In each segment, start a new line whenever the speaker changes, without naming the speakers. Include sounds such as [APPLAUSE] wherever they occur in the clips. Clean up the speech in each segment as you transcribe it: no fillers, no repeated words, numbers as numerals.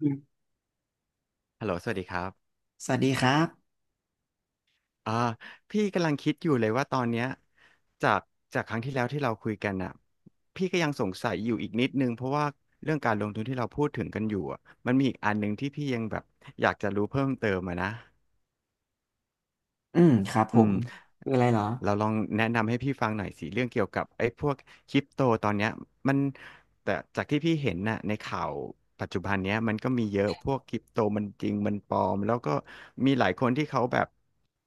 อืม
ฮัลโหลสวัสดีครับ
สวัสดีครับ
อ่าพี่กำลังคิดอยู่เลยว่าตอนเนี้ยจากจากครั้งที่แล้วที่เราคุยกันอ่ะพี่ก็ยังสงสัยอยู่อีกนิดนึงเพราะว่าเรื่องการลงทุนที่เราพูดถึงกันอยู่อ่ะมันมีอีกอันหนึ่งที่พี่ยังแบบอยากจะรู้เพิ่มเติมอะนะ
อืม ครับผ
อืม
มคืออะไรเหรอ
เราลองแนะนำให้พี่ฟังหน่อยสิเรื่องเกี่ยวกับไอ้พวกคริปโตตอนเนี้ยมันแต่จากที่พี่เห็นน่ะในข่าวปัจจุบันเนี้ยมันก็มีเยอะพวกคริปโตมันจริงมันปลอมแล้วก็มีหลายคนที่เขาแบบ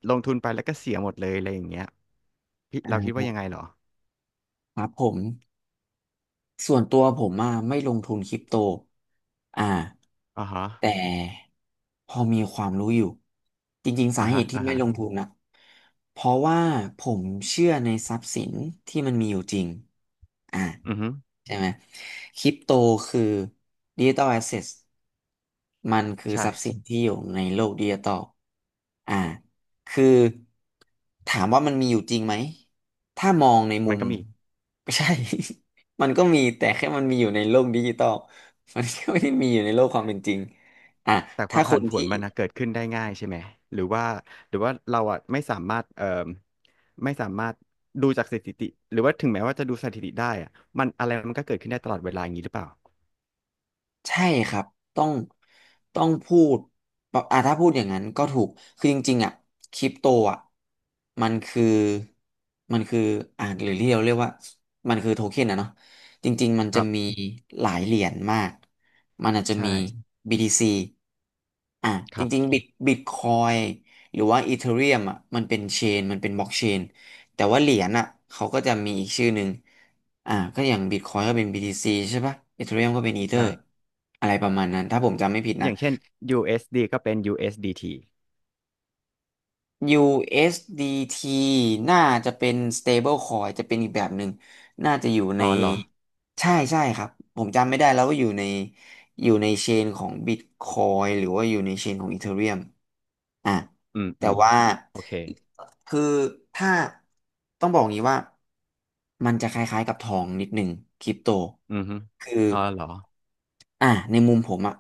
ลงทุนไปแล้วก็เสียหมดเลยอะไรอย่างเงี้ยพี่
อ่า
เราคิดว่ายังไงเหรอ
ครับผม ส่วนตัวผมอ่ะไม่ลงทุนคริปโตอ่า
อ่าฮะ
แต่พอมีความรู้อยู่ จริงๆสา
อ่า
เห
ฮะ
ตุที่
อ่า
ไม่
ฮะ
ลงทุนนะ เพราะว่าผมเชื่อในทรัพย์สินที่มันมีอยู่จริงอ่า
อือฮึ
ใช่ไหมคริปโตคือดิจิตอลแอสเซทมันคือทรัพย์สิ
ใช่
นที่อยู่ในโลกดิจิตอลอ่าคือถามว่ามันมีอยู่จริงไหมถ้ามองในมุ
มัน
ม
ก็มี
ไม่ใช่ [LAUGHS] มันก็มีแต่แค่มันมีอยู่ในโลกดิจิตอลมันก็ไม่ได้มีอยู่ในโลกความเป็นจริงอ่ะ
แต่ควา
ถ้า
ม
ค
ผัน
น
ผว
ที่
นมันนะเกิดขึ้นได้ง่ายใช่ไหมหรือว่าหรือว่าเราอ่ะไม่สามารถเอ่อไม่สามารถดูจากสถิติหรือว่าถึงแม้ว่าจะดูสถิติได้อ่ะมันอะไรมันก็เกิดขึ้นได้ตลอดเวลาอย่างนี้หรือเปล่า
ใช่ครับต้องต้องพูดแบบอ่ะถ้าพูดอย่างนั้นก็ถูกคือจริงๆอ่ะคริปโตอ่ะมันคือมันคืออ่ะหรือที่เราเรียกว่ามันคือโทเค็นอะเนาะจริงๆมัน
ค
จะ
รับ
มีหลายเหรียญมากมันอาจจะมี
ใช่
BTC อ่ะ
ค
จ
รั
ริง
บ
ๆบิตคอยหรือว่าอีเธอเรียมอ่ะมันเป็นเชนมันเป็นบล็อกเชนแต่ว่าเหรียญอ่ะเขาก็จะมีอีกชื่อหนึ่ง อ่าก็อย่างบิตคอยก็เป็น BTC ใช่ปะเอ h เ r ียมก็เป็นอีเธอ
ใช่
อะไรประมาณนั้นถ้าผมจำไม่ผิด
อ
นะ
ย่างเช่น USD ก็เป็น USDT อสดีที
USDT น่าจะเป็น stable coin จะเป็นอีกแบบหนึ่งน่าจะอยู่ใน
อ๋อเหรอ
ใช่ใช่ครับผมจำไม่ได้แล้วว่าอยู่ในเชนของ Bitcoin หรือว่าอยู่ในเชนของ Ethereum อ่ะ
อืม
แต่
อืม
ว่า
โอเค
คือถ้าต้องบอกอย่างนี้ว่ามันจะคล้ายๆกับทองนิดหนึ่งคริปโต
อือฮึ
คือ
อ๋อเหรอ
อ่ะในมุมผมอ่ะ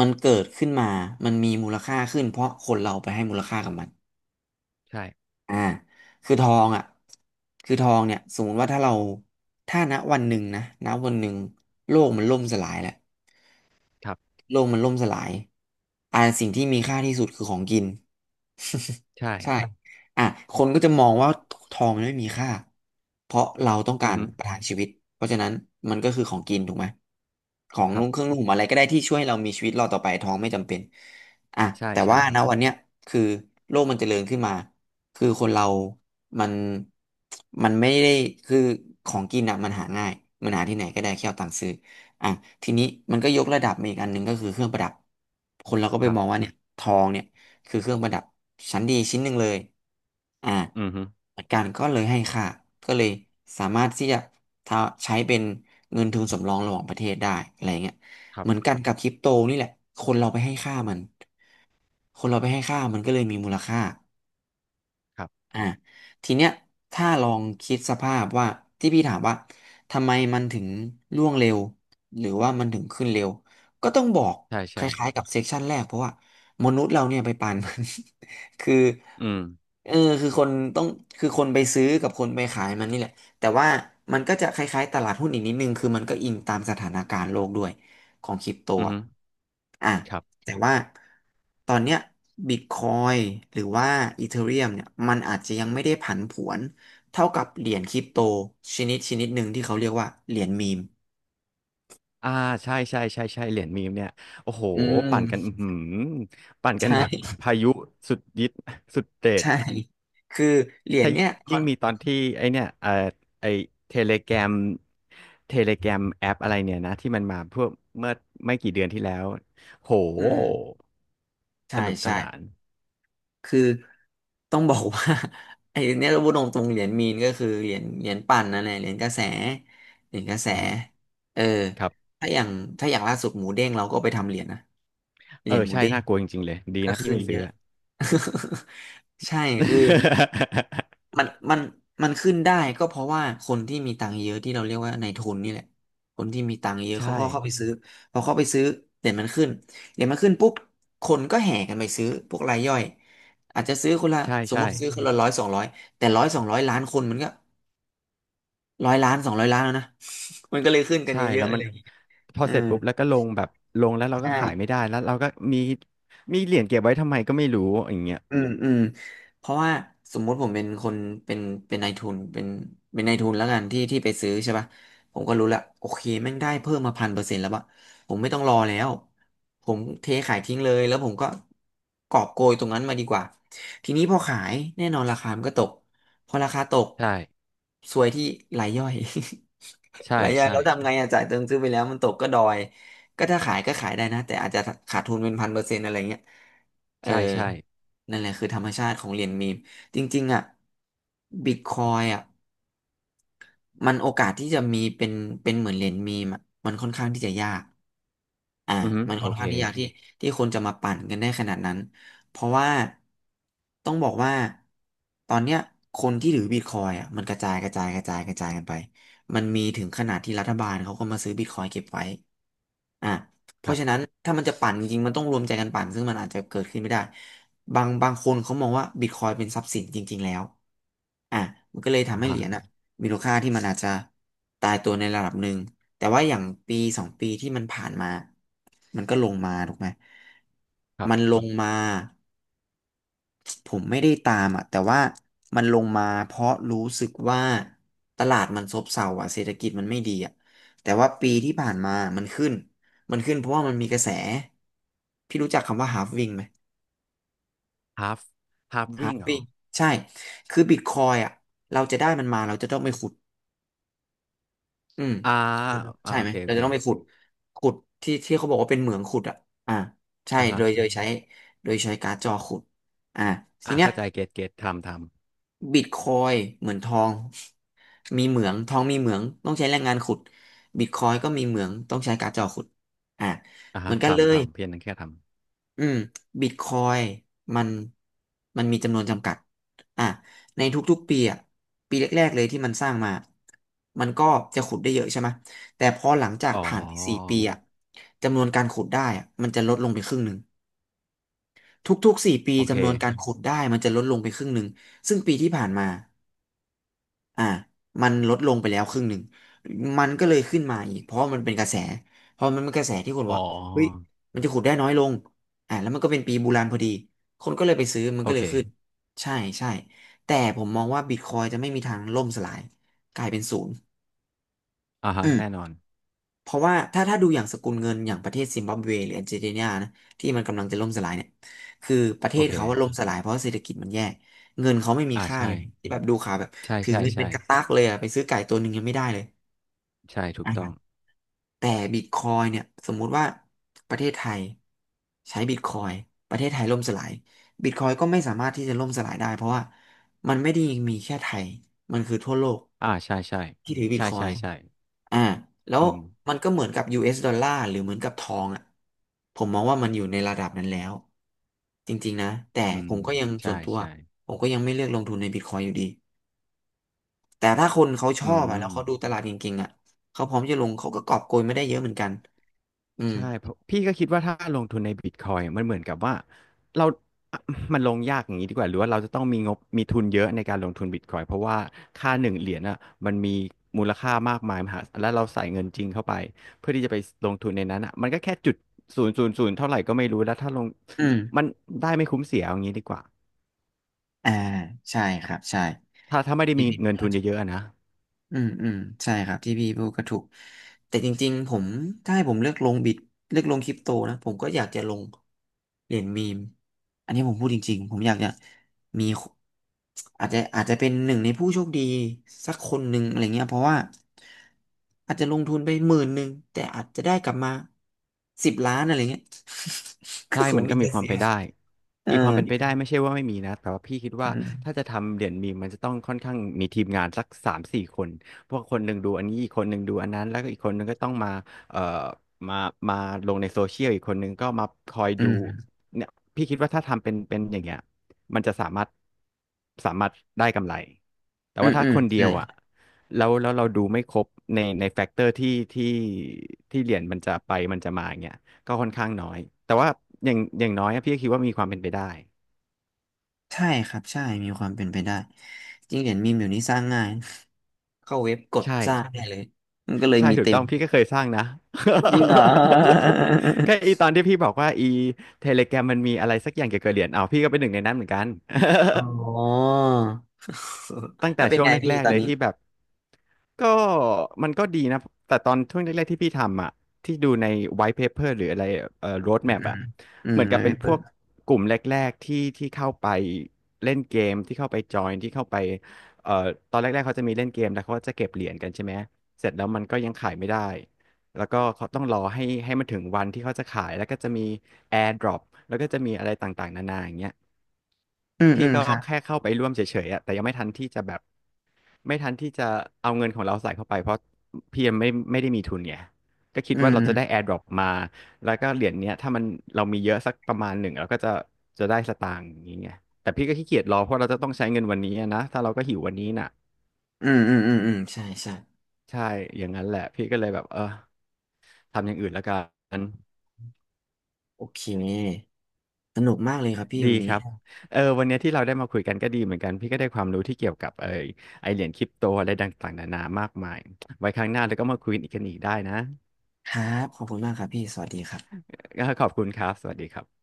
มันเกิดขึ้นมามันมีมูลค่าขึ้นเพราะคนเราไปให้มูลค่ากับมัน
ใช่
อ่าคือทองอ่ะคือทองเนี่ยสมมติว่าถ้าเราถ้าณวันหนึ่งโลกมันล่มสลายแหละ
ครับ
โลกมันล่มสลายอ่าสิ่งที่มีค่าที่สุดคือของกิน
ใช่
[LAUGHS] ใช่อ่ะคนก็จะมองว่าทองมันไม่มีค่า เพราะเราต้องกา
อือ
ร
ฮึ
ประทังชีวิต เพราะฉะนั้นมันก็คือของกินถูกไหม ของ
ครั
นุ่งเค
บ
รื่องนุ่งห่มอะไรก็ได้ที่ช่วยให้เรามีชีวิตรอดต่อไปทองไม่จำเป็นอ่ะ
ใช่
แต่
ใช่
ว่า
ครับ
นะวันเนี้ยคือโลกมันเจริญขึ้นมาคือคนเรามันมันไม่ได้คือของกินอ่ะมันหาง่ายมันหาที่ไหนก็ได้แค่เอาตังค์ซื้อ อ่ะทีนี้มันก็ยกระดับมาอีกอันหนึ่งก็คือเครื่องประดับคนเราก็ไป
ครั
ม
บ
องว่าเนี่ยทองเนี่ยคือเครื่องประดับชั้นดีชิ้นหนึ่งเลยอ่า
อือฮึ
หลักการก็เลยให้ค่าก็เลยสามารถที่จะทาใช้เป็นเงินทุนสำรองระหว่างประเทศได้อะไรเงี้ย
ครั
เหมือน
บ
กันกับคริปโตนี่แหละคนเราไปให้ค่ามันคนเราไปให้ค่ามันก็เลยมีมูลค่า
ครับ
อ่าทีเนี้ยถ้าลองคิดสภาพว่าที่พี่ถามว่าทำไมมันถึงร่วงเร็วหรือว่ามันถึงขึ้นเร็วก็ต้องบอก
ใช่
คล้าย
ใช่
ๆกับเซกชันแรกเพราะว่ามนุษย์เราเนี่ยไปปันมัน [LAUGHS] คือ
อืม
เออคือคนต้องคือคนไปซื้อกับคนไปขายมันนี่แหละแต่ว่ามันก็จะคล้ายๆตลาดหุ้นอีกนิดนึงคือมันก็อิงตามสถานการณ์โลกด้วยของคริปโต
อือ
อะ
ฮึ
อ่ะ
ครับ
แต่ว่าตอนเนี้ยบิตคอยหรือว่าอีเธอเรียมเนี่ยมันอาจจะยังไม่ได้ผันผวนเท่ากับเหรียญคริปโตชนิดหนึ่งที่เขาเรียกว่าเหรียญมีม
อ่าใช่ใช่ใช่ใช่เหรียญมีมเนี่ยโอ้โห
อื
ปั่นกันอื
ม
อหือปั่นกัน
ใช่
แบบ [LAUGHS] พายุสุดยิดสุดเด็ด
ใช่คือเหรียญ
ถ้า
เนี่ยคอ
ยิ่ง
น
มีตอนที่ไอเนี่ยเอ่อไอเทเลแกรมเทเลแกรมแอปอะไรเนี่ยนะที่มันมาเพื่อเมื่อไม่กี่เดือนที่แล้วโห
อืม
ส
ใช่
นุกส
ใช่
นาน
คือต้องบอกว่า [LAUGHS] ไอ้เนี่ยเราพูดตรงๆเหรียญมีนก็คือเหรียญปั่นนั่นแหละเหรียญกระแสเหรียญกระแส
อือหือ
เออ
ครับ
ถ้าอย่างถ้าอย่างล่าสุดหมูเด้งเราก็ไปทำเหรียญนะเห
เอ
รี
อ
ยญหมู
ใช่
เด้ง
น่ากลัวจริงๆเลยดี
ก็
นะพี่
ขึ้น
ไม่
เย
ซื้อ
อะ
อะ
[LAUGHS] ใช่คือ
[LAUGHS]
มันมันมันขึ้นได้ก็เพราะว่าคนที่มีตังค์เยอะที่เราเรียกว่าในายทุนนี่แหละคนที่มีตังค์เยอะเขา
ใช่
ก็เข้าไปซื้อพอเข้าไปซื้อเหรียญมันขึ้นเหรียญมันขึ้นปุ๊บคนก็แห่กันไปซื้อพวกรายย่อยอาจจะซื้อคนละ
ใช่
สมม
ใช่
ติซื้อคนละร้อยสองร้อยแต่ร้อยสองร้อยล้านคนมันก็ร้อยล้านสองร้อยล้านแล้วนะ [LAUGHS] มันก็เลยขึ้นกัน
ใช่
เยอะ
แล้
ๆ
ว
อะไร
มัน
อย่างงี้
พอ
อื
เสร็จ
ม
ปุ๊บแล้วก็ลงแบบลงแล้วเรา
ใ
ก็ขายไม่
ช่
ได้แล้วเราก็มีมีเหรียญเก็บไว้ทำไมก็ไม่รู้อย่างเงี้ย
อืมอืมเพราะว่าสมมุติผมเป็นคนเป็นนายทุนเป็นนายทุนแล้วกันที่ไปซื้อใช่ป่ะผมก็รู้ละโอเคแม่งได้เพิ่มมาพันเปอร์เซ็นต์แล้วปะผมไม่ต้องรอแล้วผมเทขายทิ้งเลยแล้วผมก็กอบโกยตรงนั้นมาดีกว่าทีนี้พอขายแน่นอนราคามันก็ตกพอราคาตก
ใช่
ซวยที่รายย่อย
ใช่
[LAUGHS] รายย่อย
ใช่
แล้วทำไงอะจ่ายเติมซื้อไปแล้วมันตกก็ดอยก็ถ้าขายก็ขายได้นะแต่อาจจะขาดทุนเป็นพันเปอร์เซ็นต์อะไรเงี้ย เออ
ใช่ใช่
นั่นแหละคือธรรมชาติของเหรียญมีม จริงๆอ่ะบิตคอยอ่ะ มันโอกาสที่จะมีเป็นเหมือนเหรียญมีมอะมันค่อนข้างที่จะยากอ่า
อือฮึ
มัน
โอ
ค่อน
เค
ข้างที่ยากที่คนจะมาปั่นกันได้ขนาดนั้นเพราะว่าต้องบอกว่าตอนเนี้ยคนที่ถือบิตคอยอ่ะมันกระจายกระจายกระจายกระจายกันไปมันมีถึงขนาดที่รัฐบาลเขาก็มาซื้อบิตคอยเก็บไว้อ่ะเพ
ครั
ราะฉะนั้น
บ
ถ้ามันจะปั่นจริงๆมันต้องรวมใจกันปั่นซึ่งมันอาจจะเกิดขึ้นไม่ได้บางคนเขามองว่าบิตคอยเป็นทรัพย์สินจริงๆแล้วอ่ะมันก็เลย
อ่า
ทำให้เห
ฮะ
รียญอ่ะ มูลค่าที่มันอาจจะตายตัวในระดับหนึ่งแต่ว่าอย่าง1-2 ปีที่มันผ่านมามันก็ลงมาถูกไหม
ครั
มัน
บ
ลงมาผมไม่ได้ตามอ่ะแต่ว่ามันลงมาเพราะรู้สึกว่าตลาดมันซบเซาอ่ะเศรษฐกิจมันไม่ดีอ่ะแต่ว่าปีที่ผ่านมามันขึ้น มันขึ้นเพราะว่ามันมีกระแสพี่รู้จักคำว่า halving ไหม
ฮาฟฮาฟวิ่งเหรอ
halving ใช่คือบิตคอยอ่ะเราจะได้มันมาเราจะต้องไปขุด อืม
อ่าอ่า
ใช่
โอ
ไหม
เคโอ
เรา
เค
จะต้องไปขุดขุดที่เขาบอกว่าเป็นเหมืองขุดอ่ะอ่าใช่
อ่าฮะ
โดยใช้โดยใช้การ์ดจอขุดอ่าที
อ่า
เนี้ย
เข้าใจเกตเกตทำทำ
บิตคอยเหมือนทองมีเหมืองทองมีเหมืองต้องใช้แรงงานขุดบิตคอยก็มีเหมืองต้องใช้การ์ดจอขุดอ่า
อ่า
เหมื
ฮะ
อนกันเล
ทำ
ย
ทำเพียงนั้นแค่ท
อืมบิตคอยมันมันมีจำนวนจำกัดอ่ะในทุกๆปีอ่ะปีแรกๆเลยที่มันสร้างมามันก็จะขุดได้เยอะใช่ไหมแต่พอหลังจา
ำ
ก
อ๋อ
ผ่านไปสี่ปีอ่ะจำนวนการขุดได้อ่ะมันจะลดลงไปครึ่งหนึ่งทุกๆสี่ปี
โอเค
จำนวนการขุดได้มันจะลดลงไปครึ่งหนึ่งซึ่งปีที่ผ่านมา อ่ามันลดลงไปแล้วครึ่งหนึ่ง มันก็เลยขึ้นมาอีกเพราะมันเป็นกระแส เพราะมันเป็นกระแสที่คน
อ๋
ว่าเฮ้ย
อ
มันจะขุดได้น้อยลงอ่าแล้วมันก็เป็นปีบูรานพอดี คนก็เลยไปซื้อมัน
โอ
ก็เลยขึ้น
เค
ใช่ใช่แต่ผมมองว่าบิตคอยจะไม่มีทางล่มสลายกลายเป็นศูนย์
อ่า
อื
ฮะ
ม
แน่นอน
เพราะว่าถ้าดูอย่างสกุลเงินอย่างประเทศซิมบับเวหรืออาร์เจนตินานะที่มันกำลังจะล่มสลายเนี่ยคือประเท
โอ
ศ
เค
เขาว่าล่มสลายเพราะเศรษฐกิจมันแย่เงินเขาไม่มี
อ่า
ค่าเล
ใช่
ยที่แบบดูข่าวแบบ
ใช่
ถือ
ใช่
เงินเป็
ใช่
นกระตักเลยอะไปซื้อไก่ตัวหนึ่งยังไม่ได้เลย
ใช่ถูกต้อง
อ่ะแต่บิตคอยเนี่ยสมมุติว่าประเทศไทยใช้บิตคอยประเทศไทยล่มสลายบิตคอยก็ไม่สามารถที่จะล่มสลายได้เพราะว่ามันไม่ได้มีแค่ไทยมันคือทั่วโลก
อ่าใช่ใช่
ที่ถือบิต
ใช่
คอ
ใช่
ย
ใช่
อ่าแล้ว
อืม
มันก็เหมือนกับ US ดอลลาร์หรือเหมือนกับทองอ่ะผมมองว่ามันอยู่ในระดับนั้นแล้วจริงๆนะแต่
อื
ผ
ม
มก็ยัง
ใช่
ส่วนตัว
ใช่
ผมก็ยังไม่เลือกลงทุนในบิตคอยอยู่ดีแต่ถ้าคนเขาช
อื
อบอ่ะแล้ว
ม
เขาดูตลาดเก่งๆอ่ะเขาพร้อมจะลงเขาก็กอบโกยไม่ได้เยอะเหมือนกันอืม
ใช่เพราะพี่ก็คิดว่าถ้าลงทุนในบิตคอยมันเหมือนกับว่าเราอ่ะมันลงยากอย่างนี้ดีกว่าหรือว่าเราจะต้องมีงบมีทุนเยอะในการลงทุนบิตคอยเพราะว่าค่าหนึ่งเหรียญอ่ะมันมีมูลค่ามากมายมหาศาลแล้วเราใส่เงินจริงเข้าไปเพื่อที่จะไปลงทุนในนั้นอ่ะมันก็แค่จุดศูนย์ศูนย์ศูนย์เท่าไหร่ก็ไม่รู้แล้วถ้าลง
อืม
มันได้ไม่คุ้มเสียเอาอย่างนี้ดีกว่า
อ่าใช่ครับใช่
ถ้าไม่ได้
พี่
มี
ผิด
เงินทุนเยอะๆอะนะ
อืมอืมใช่ครับที่พี่พูดก็ถูกแต่จริงๆผมถ้าให้ผมเลือกลงบิตเลือกลงคริปโตนะผมก็อยากจะลงเหรียญมีมอันนี้ผมพูดจริงๆผมอยากจะมีอาจจะเป็นหนึ่งในผู้โชคดีสักคนหนึ่งอะไรเงี้ยเพราะว่าอาจจะลงทุนไป10,000แต่อาจจะได้กลับมา10,000,000อะไรเงี้ย [LAUGHS] ก็
ใช่
คง
มัน
ไม
ก็มี
แต่
ค
จะ
วาม
เสี
ไป
ย
นได้
เอ
อีกควา
อ
มเป็นไปได้ไม่ใช่ว่าไม่มีนะแต่ว่าพี่คิด
อื
ว่า
ม
ถ้าจะทำเหรียญมีมมันจะต้องค่อนข้างมีทีมงานสัก3-4 คนพวกคนหนึ่งดูอันนี้อีกคนหนึ่งดูอันนั้นแล้วก็อีกคนหนึ่งก็ต้องมาเอ่อมามาลงในโซเชียลอีกคนหนึ่งก็มาคอย
อื
ดู
ม
เนี่ยพี่คิดว่าถ้าทำเป็นอย่างเงี้ยมันจะสามารถได้กำไรแต่
อื
ว่า
ม
ถ้า
อืม
คนเดี
ใช่
ยวอ่ะแล้วเราดูไม่ครบในแฟกเตอร์ที่เหรียญมันจะไปมันจะมาอย่างเงี้ย ก็ค่อนข้างน้อย แต่ว่าอย่างน้อยอะพี่ก็คิดว่ามีความเป็นไปได้
ใช่ครับใช่มีความเป็นไปได้จริงเหรียญมีมเดี๋ยวนี้สร้างง่าย [LAUGHS] เข้าเว็บกด
ใช่
สร้างได้เลยมันก็เลย
ใช่
มี
ถูก
เต็
ต้
ม
องพี่ก็เคยสร้างนะ
จริงเหรอ
[LAUGHS] ก็อีต
[LAUGHS]
อนที่พี่บอกว่าอีเทเลแกรมมันมีอะไรสักอย่างเกี่ยวกับเหรียญเอาพี่ก็เป็นหนึ่งในนั้นเหมือนกัน
อ๋
[LAUGHS]
อ
ตั้ง
แล้
แต่
วเป็น
ช่วง
ไงพี่
แรก
ตอ
ๆ
น
เลย
นี้
ที่แบบก็มันก็ดีนะแต่ตอนช่วงแรกๆที่พี่ทำอ่ะที่ดูใน white paper หรืออะไรroad
อืม
map
อื
อ่ะ
มอืม
เหมือน
แล้
กั
ว
บ
ไป
เป็นพ
เปิ
ว
ด
กกลุ่มแรกๆที่ที่เข้าไปเล่นเกมที่เข้าไปจอยที่เข้าไปเอ่อตอนแรกๆเขาจะมีเล่นเกมแล้วเขาก็จะเก็บเหรียญกันใช่ไหมเสร็จแล้วมันก็ยังขายไม่ได้แล้วก็เขาต้องรอให้มันถึงวันที่เขาจะขายแล้วก็จะมี air drop แล้วก็จะมีอะไรต่างๆนานาอย่างเงี้ย
อืม
พี่
อืม
ก็
ครับ
แค่เข้าไปร่วมเฉยๆอะแต่ยังไม่ทันที่จะแบบ ไม่ทันที่จะเอาเงินของเราใส่เข้าไปเพราะพี่ยังไม่ได้มีทุนไงก็คิด
อื
ว่าเรา
ม
จะได้ AirDrop มาแล้วก็เหรียญเนี้ยถ้ามันเรามีเยอะสักประมาณหนึ่งเราก็จะได้สตางค์อย่างนี้ไงแต่พี่ก็ขี้เกียจรอเพราะเราจะต้องใช้เงินวันนี้อะนะถ้าเราก็หิววันนี้น่ะ
อืมอืมอืมอืมใช่ใช่
ใช่อย่างนั้นแหละพี่ก็เลยแบบเออทำอย่างอื่นแล้วกัน
โอเคสนุกมากเลยครับพี่
ดี
วัน
ค
นี้
รั
ค
บ
รั
เออวันเนี้ยที่เราได้มาคุยกันก็ดีเหมือนกันพี่ก็ได้ความรู้ที่เกี่ยวกับไอเหรียญคริปโตอะไรต่างๆนานามากมายไว้ครั้งหน้าเราก็มาคุยกันอีกได้นะ
บขอบคุณมากครับพี่สวัสดีครับ
ก็ขอบคุณครับสวัสดีครับ